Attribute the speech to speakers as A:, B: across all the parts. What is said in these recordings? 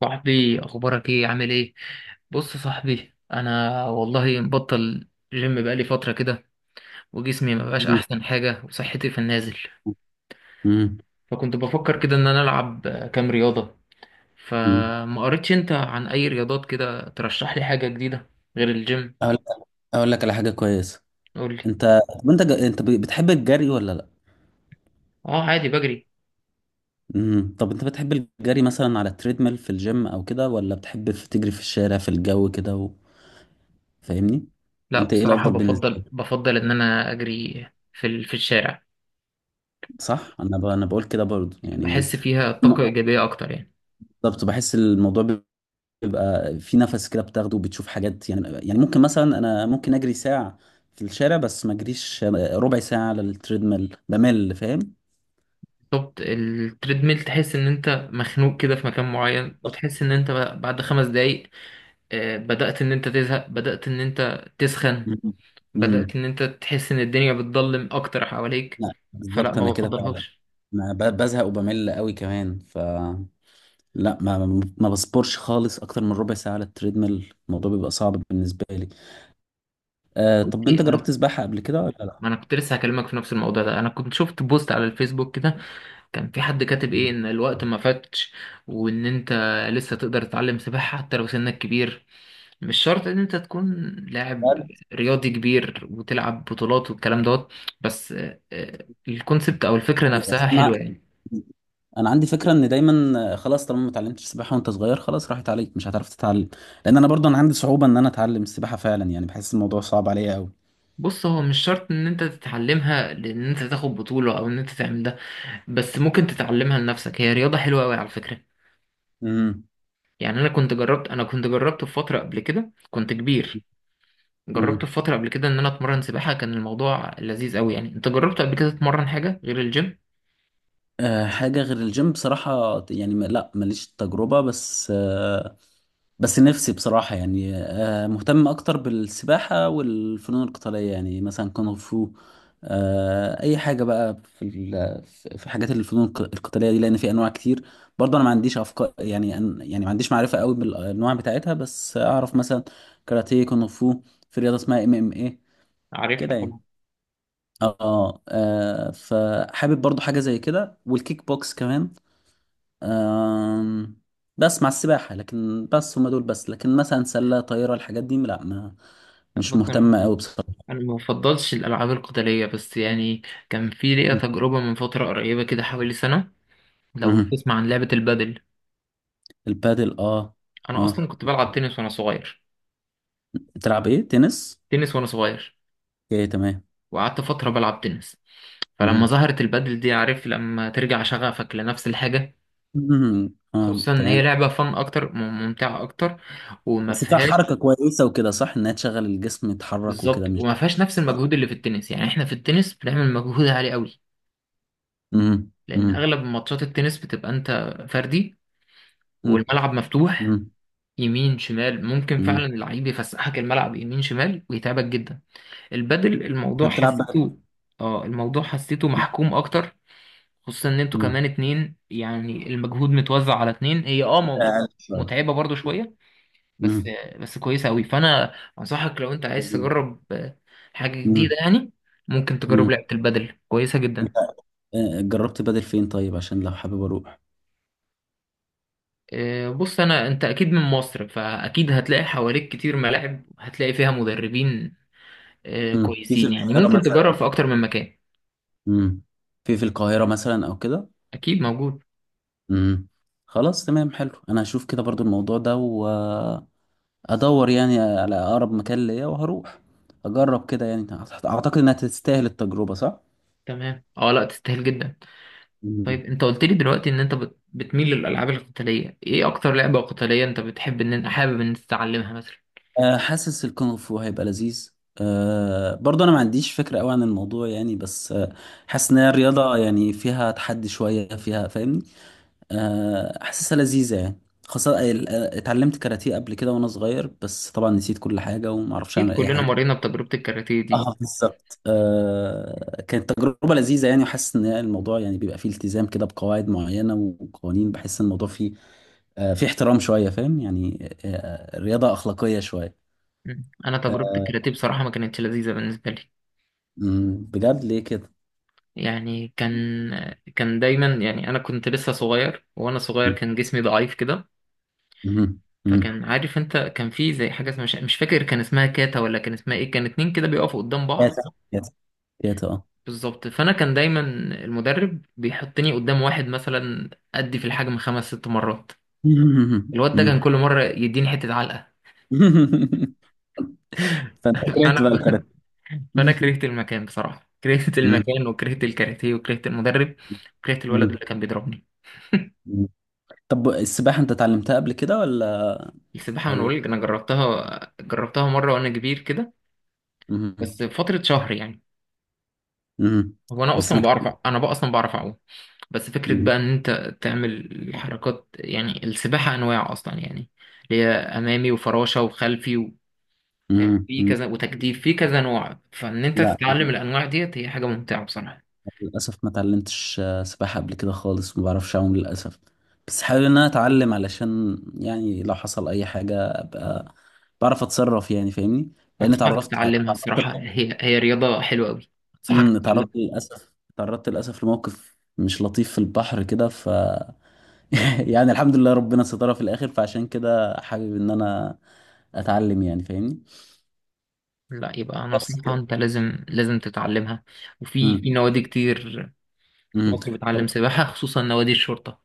A: صاحبي، اخبارك ايه؟ عامل ايه؟ بص يا صاحبي، انا والله مبطل جيم بقالي فتره كده. وجسمي ما بقاش
B: مم.
A: احسن حاجه، وصحتي في النازل.
B: مم.
A: فكنت بفكر كده ان انا العب، كام رياضه.
B: مم.
A: فما قريتش انت عن اي رياضات كده، ترشح لي حاجه جديده غير الجيم.
B: اقول لك اقول لك على حاجه كويسه.
A: قول لي.
B: انت طب انت بتحب الجري ولا لا؟
A: اه، عادي بجري.
B: مم. طب انت بتحب الجري مثلا على التريدميل في الجيم او كده، ولا بتحب تجري في الشارع في الجو كده فاهمني؟
A: لا
B: انت ايه
A: بصراحه،
B: الافضل بالنسبه
A: بفضل
B: لك؟
A: بفضل ان انا اجري في الشارع.
B: صح، انا بقول كده برضو يعني.
A: بحس فيها طاقه
B: م-
A: ايجابيه اكتر يعني.
B: بالظبط، بحس الموضوع بيبقى في نفس كده بتاخده وبتشوف حاجات، يعني ممكن مثلا انا ممكن اجري ساعه في الشارع، بس ما اجريش ربع ساعه على التريدميل، بمل، فاهم؟
A: بالظبط، التريدميل تحس ان انت مخنوق كده في مكان معين،
B: بالظبط.
A: وتحس ان انت بعد 5 دقايق بدأت ان انت تزهق، بدأت ان انت تسخن.
B: مم. مم.
A: بدأت ان انت تحس ان الدنيا بتضلم اكتر حواليك.
B: لا
A: فلا،
B: بالظبط انا
A: ما
B: كده فعلا،
A: بفضلهاش.
B: ما ب- بزهق وبمل قوي كمان ف، لا ما بصبرش خالص اكتر من ربع ساعه على التريدميل، الموضوع بيبقى صعب بالنسبه لي. طب
A: اوكي.
B: انت جربت
A: انا
B: سباحه قبل كده ولا لا؟
A: ما انا كنت لسه هكلمك في نفس الموضوع ده، انا كنت شفت بوست على الفيسبوك كده. كان في حد كاتب
B: مم.
A: ايه ان الوقت ما فاتش، وان انت لسه تقدر تتعلم سباحة حتى لو سنك كبير. مش شرط ان انت تكون
B: لا،
A: لاعب رياضي كبير وتلعب بطولات والكلام دوت. بس الكونسبت او الفكرة
B: بس
A: نفسها
B: ما-
A: حلوة يعني.
B: انا عندي فكره ان دايما، خلاص طالما ما اتعلمتش سباحه وانت صغير خلاص راحت عليك، مش هتعرف تتعلم. لان انا برضه انا عندي صعوبه ان انا اتعلم السباحه فعلا، يعني بحس الموضوع صعب عليا قوي.
A: بص، هو مش شرط ان انت تتعلمها لان انت تاخد بطولة او ان انت تعمل ده. بس ممكن تتعلمها لنفسك، هي رياضة حلوة قوي على فكرة.
B: امم
A: يعني انا كنت جربت في فترة قبل كده، كنت كبير. جربت في
B: امم
A: فترة قبل كده ان انا اتمرن سباحة. كان الموضوع لذيذ قوي يعني. انت جربت قبل كده تتمرن حاجة غير الجيم؟
B: حاجه غير الجيم بصراحه، يعني لا ماليش تجربه، بس نفسي بصراحة يعني، مهتم أكتر بالسباحة والفنون القتالية، يعني مثلا كونغ فو، أي حاجة بقى في حاجات الفنون القتالية دي، لأن في أنواع كتير. برضه أنا ما عنديش أفكار، يعني يعني ما عنديش معرفة قوي بالأنواع بتاعتها، بس أعرف مثلا كاراتيه، كونغ فو، في رياضة اسمها MMA
A: عارفها
B: كده يعني.
A: طبعا.
B: فحابب برضه حاجة زي كده، والكيك بوكس كمان. آم، بس مع السباحة، لكن بس هما دول بس، لكن مثلا سلة طايرة، الحاجات دي لا ما، مش
A: بص،
B: مهتم قوي بصراحة.
A: انا ما بفضلش الالعاب القتاليه بس يعني. كان في ليا تجربه من فتره قريبه كده، حوالي سنه. لو
B: مهم.
A: تسمع عن لعبه البادل.
B: البادل اه.
A: انا
B: اه
A: اصلا كنت بلعب تنس وانا صغير.
B: بتلعب ايه، تنس؟
A: تنس وانا صغير.
B: اوكي تمام.
A: وقعدت فتره بلعب تنس. فلما
B: مهم.
A: ظهرت البادل دي، عارف لما ترجع شغفك لنفس الحاجه.
B: مهم. اه
A: خصوصا ان هي
B: تمام.
A: لعبه فن اكتر، ممتعه اكتر، وما
B: بس فيها
A: فيهاش.
B: حركة كويسة وكده، صح؟ انها تشغل الجسم يتحرك وكده،
A: بالظبط،
B: مش؟
A: وما فيهاش نفس المجهود اللي في التنس، يعني احنا في التنس بنعمل مجهود عالي قوي.
B: مهم.
A: لان
B: مهم.
A: اغلب ماتشات التنس بتبقى انت فردي،
B: مهم.
A: والملعب مفتوح.
B: مهم.
A: يمين شمال، ممكن
B: مهم.
A: فعلا اللعيب يفسحك الملعب يمين شمال ويتعبك جدا. البدل الموضوع
B: انت بتلعب بقى؟
A: حسيته. اه، الموضوع حسيته محكوم اكتر. خصوصا ان انتوا
B: مهم.
A: كمان اتنين، يعني المجهود متوزع على اتنين.
B: أقل شوية.
A: متعبة برضو شوية. بس
B: مهم.
A: بس كويسة قوي، فانا انصحك لو انت عايز تجرب حاجة
B: مهم.
A: جديدة يعني. ممكن تجرب لعبة البدل، كويسة
B: مهم.
A: جدا.
B: جربت بدل فين طيب، عشان لو حابب اروح.
A: بص، انا انت اكيد من مصر فاكيد هتلاقي حواليك كتير ملاعب، هتلاقي فيها مدربين
B: مم. في
A: كويسين، يعني
B: القاهرة
A: ممكن تجرب
B: مثلا.
A: في اكتر من مكان.
B: مم. في القاهرة مثلا او كده.
A: اكيد موجود.
B: مم. خلاص تمام، حلو، انا هشوف كده برضو الموضوع ده وادور يعني على اقرب مكان ليا، وهروح اجرب كده يعني. اعتقد انها تستاهل التجربة، صح؟
A: تمام. اه، لا، تستاهل جدا. طيب،
B: مم.
A: انت قلت لي دلوقتي ان انت بتميل للالعاب القتاليه. ايه اكتر لعبه قتاليه انت بتحب ان انت حابب ان انت تتعلمها مثلا؟
B: حاسس الكونغ فو هيبقى لذيذ، برضه انا ما عنديش فكره قوي عن الموضوع يعني، بس حاسس ان هي رياضه، يعني فيها تحدي شويه فيها، فاهمني؟ حاسسها لذيذة يعني. خاصة اتعلمت كاراتيه قبل كده وانا صغير، بس طبعا نسيت كل حاجة ومعرفش
A: اكيد
B: اعمل اي
A: كلنا
B: حاجة.
A: مرينا بتجربه الكاراتيه دي.
B: اه بالظبط، كانت تجربة لذيذة يعني، وحاسس ان الموضوع يعني بيبقى فيه التزام كده بقواعد معينة وقوانين. بحس ان الموضوع فيه احترام شوية، فاهم يعني؟ آه، رياضة أخلاقية شوية.
A: انا تجربه
B: آه،
A: الكاراتيه بصراحه ما كانتش لذيذه بالنسبه لي.
B: بجد ليه كده؟
A: يعني كان، دايما يعني، انا كنت لسه صغير، وانا صغير
B: مم،
A: كان جسمي ضعيف كده.
B: مم، مم.
A: فكان، عارف انت، كان في زي حاجه اسمها، مش فاكر كان اسمها كاتا ولا كان اسمها ايه. كان اتنين كده بيقفوا قدام بعض.
B: كاتا، كاتا، كاتا، اه.
A: بالظبط. فانا كان دايما المدرب بيحطني قدام واحد مثلا ادي في الحجم خمس ست مرات.
B: مم، مم،
A: الواد ده كان
B: مم.
A: كل مره يديني حته علقه.
B: فانت كرهت
A: فانا
B: بقى
A: ك-
B: الكاراتيه؟
A: فانا كرهت المكان بصراحه، كرهت المكان وكرهت الكاراتيه وكرهت المدرب وكرهت الولد
B: مم.
A: اللي كان بيضربني.
B: مم. طب السباحة انت اتعلمتها قبل كده ولا
A: السباحه، من
B: ولا
A: اقول، انا جربتها مره وانا كبير كده.
B: مم.
A: بس فتره شهر يعني.
B: مم.
A: هو انا
B: بس ما
A: اصلا بعرف،
B: كان-
A: انا بقى اصلا بعرف اعوم. بس فكره
B: مم.
A: بقى ان انت تعمل حركات، يعني السباحه انواع اصلا يعني. اللي هي امامي وفراشه وخلفي. في
B: مم.
A: في
B: مم.
A: كذا وتجديف في كذا نوع. فان انت
B: لا
A: تتعلم الانواع ديت هي حاجه ممتعه بصراحه.
B: للأسف ما اتعلمتش سباحة قبل كده خالص، ما بعرفش أعوم للأسف، بس حابب إن أنا أتعلم علشان يعني لو حصل أي حاجة أبقى بعرف أتصرف يعني، فاهمني؟ لأن
A: انصحك
B: اتعرفت
A: تتعلمها،
B: اتعرضت
A: الصراحه
B: ل-
A: هي رياضه حلوه قوي. انصحك
B: مم. اتعرضت
A: تتعلمها.
B: للأسف اتعرضت للأسف لموقف مش لطيف في البحر كده، يعني الحمد لله ربنا سترها في الاخر، فعشان كده حابب ان انا اتعلم يعني، فاهمني؟
A: لا، يبقى
B: بس
A: نصيحه،
B: كده.
A: انت لازم لازم تتعلمها. وفي في
B: امم
A: نوادي كتير في
B: امم
A: مصر
B: طب،
A: بتعلم سباحه، خصوصا نوادي الشرطه.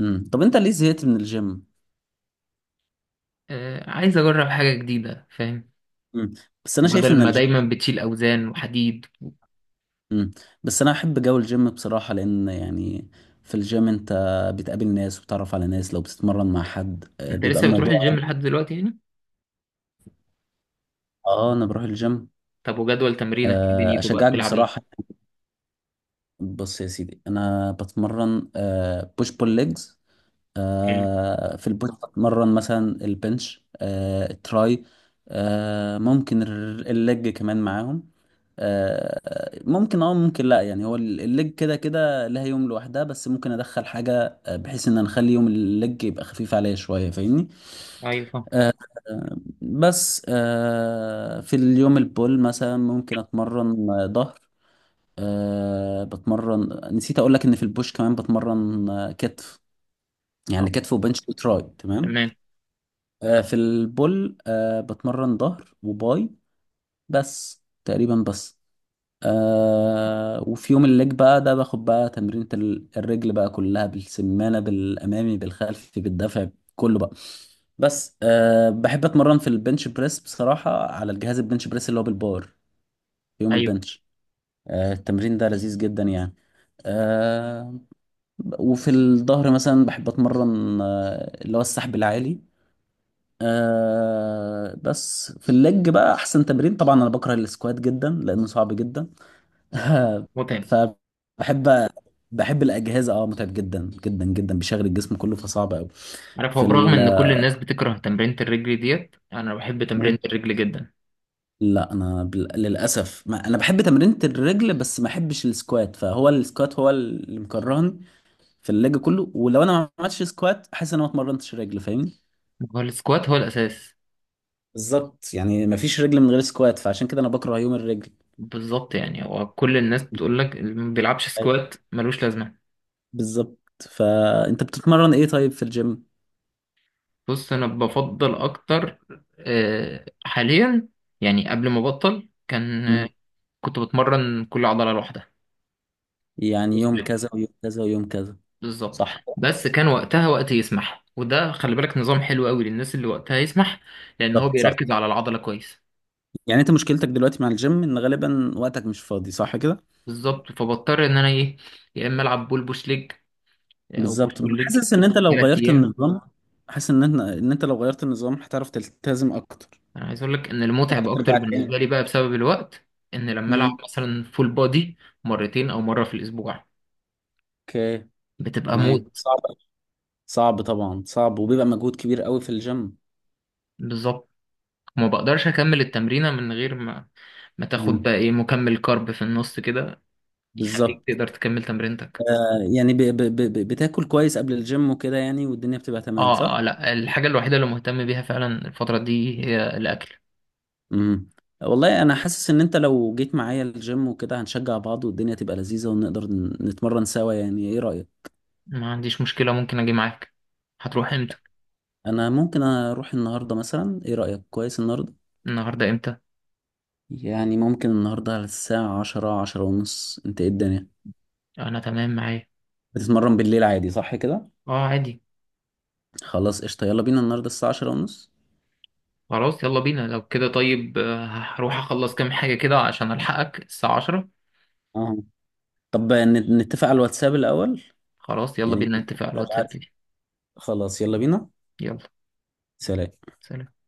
B: طب انت ليه زهقت من الجيم؟
A: عايز اجرب حاجه جديده، فاهم.
B: امم بس انا شايف
A: بدل
B: ان
A: ما
B: الجيم،
A: دايما بتشيل اوزان وحديد.
B: امم بس انا احب جو الجيم بصراحة، لان يعني في الجيم انت بتقابل ناس وبتعرف على ناس، لو بتتمرن مع حد
A: انت
B: بيبقى
A: لسه بتروح
B: الموضوع
A: الجيم لحد دلوقتي يعني؟
B: انا بروح الجيم.
A: طب وجدول تمرينك ايه دنيته بقى؟
B: اشجعك
A: بتلعب ايه؟
B: بصراحة. بص يا سيدي، انا بتمرن بوش بول ليجز.
A: حلو.
B: في البوش بتمرن مثلا البنش، التراي، ممكن الليج كمان معاهم. ممكن لا يعني، هو الليج كده كده لها يوم لوحدها، بس ممكن ادخل حاجة بحيث ان أنا اخلي يوم الليج يبقى خفيف عليا شوية، فاهمني؟
A: ايوه، فاهم.
B: آه، بس في اليوم البول مثلا ممكن اتمرن ظهر. بتمرن، نسيت اقول لك ان في البوش كمان بتمرن كتف، يعني
A: آه،
B: كتف وبنش وتراي تمام.
A: تمام.
B: في البول بتمرن ظهر وباي، بس تقريبا بس. وفي يوم الليج بقى، ده باخد بقى تمرينة الرجل بقى كلها، بالسمانة، بالأمامي، بالخلفي، بالدفع، كله بقى. بس بحب أتمرن في البنش بريس بصراحة، على الجهاز البنش بريس اللي هو بالبار، في يوم
A: ايوه.
B: البنش. التمرين ده لذيذ جدا يعني. آه وفي الظهر مثلا بحب أتمرن، اللي هو السحب العالي. بس في اللج بقى احسن تمرين، طبعا انا بكره السكوات جدا لانه صعب جدا.
A: متعب.
B: فبحب الاجهزه، متعب جدا جدا جدا، بيشغل الجسم كله، فصعب قوي.
A: عارف، هو
B: في
A: برغم
B: ال...
A: ان كل الناس بتكره تمرينة الرجل ديت، انا بحب
B: مم.
A: تمرينة الرجل جدا.
B: لا انا للاسف ما... انا بحب تمرينة الرجل، بس ما بحبش السكوات، فهو السكوات هو اللي مكرهني في اللج كله، ولو انا ما عملتش سكوات احس ان انا ما اتمرنتش رجل، فاهمني؟
A: هو السكوات هو الاساس.
B: بالظبط يعني ما فيش رجل من غير سكوات، فعشان كده انا بكره يوم الرجل.
A: بالظبط، يعني هو كل الناس بتقول لك اللي ما بيلعبش سكوات ملوش لازمة.
B: بالظبط. فانت بتتمرن ايه طيب في الجيم؟
A: بص، انا بفضل اكتر حاليا. يعني قبل ما ابطل كان،
B: مم.
A: كنت بتمرن كل عضلة لوحدها،
B: يعني يوم
A: وسبليت.
B: كذا ويوم كذا ويوم كذا.
A: بالظبط.
B: صح كده؟
A: بس كان وقتها وقت يسمح، وده خلي بالك نظام حلو قوي للناس اللي وقتها يسمح. لان هو
B: بالظبط، صح.
A: بيركز على العضلة كويس.
B: يعني انت مشكلتك دلوقتي مع الجيم ان غالبا وقتك مش فاضي، صح كده؟
A: بالظبط، فبضطر ان انا ايه، يا اما العب بول بوش ليج، او بوش
B: بالظبط. أنا
A: بول ليج
B: حاسس ان انت لو
A: ثلاث
B: غيرت
A: ايام
B: النظام، حاسس ان انت لو غيرت النظام هتعرف تلتزم اكتر.
A: انا عايز اقول لك ان المتعب
B: تقدر
A: اكتر
B: ترجع تاني.
A: بالنسبه لي بقى بسبب الوقت. ان لما العب
B: مم.
A: مثلا فول بودي مرتين او مره في الاسبوع،
B: اوكي
A: بتبقى
B: تمام.
A: موت.
B: صعب، صعب طبعا، صعب وبيبقى مجهود كبير قوي في الجيم.
A: بالظبط. وما بقدرش اكمل التمرينه من غير ما تاخد
B: مم.
A: بقى ايه، مكمل كارب في النص كده يخليك
B: بالظبط.
A: تقدر تكمل تمرينتك.
B: يعني بتاكل كويس قبل الجيم وكده يعني، والدنيا بتبقى تمام،
A: اه.
B: صح؟
A: لا، الحاجه الوحيده اللي مهتم بيها فعلا الفتره دي هي الاكل.
B: امم والله انا حاسس ان انت لو جيت معايا الجيم وكده، هنشجع بعض والدنيا تبقى لذيذة، ونقدر نتمرن سوا. يعني ايه رأيك؟
A: ما عنديش مشكله، ممكن اجي معاك. هتروح امتى؟
B: انا ممكن اروح النهاردة مثلا، ايه رأيك؟ كويس النهاردة،
A: النهارده امتى؟
B: يعني ممكن النهاردة على الساعة 10، 10:30. انت ايه الدنيا،
A: انا تمام معايا.
B: بتتمرن بالليل عادي صح كده؟
A: اه، عادي.
B: خلاص قشطة، يلا بينا النهاردة الساعة 10:30.
A: خلاص، يلا بينا لو كده. طيب هروح اخلص كام حاجة كده عشان الحقك الساعة 10.
B: اه. طب نتفق على الواتساب الأول،
A: خلاص، يلا
B: يعني
A: بينا نتفق على الواتساب
B: ابعت-
A: دي.
B: خلاص يلا بينا.
A: يلا.
B: سلام.
A: سلام.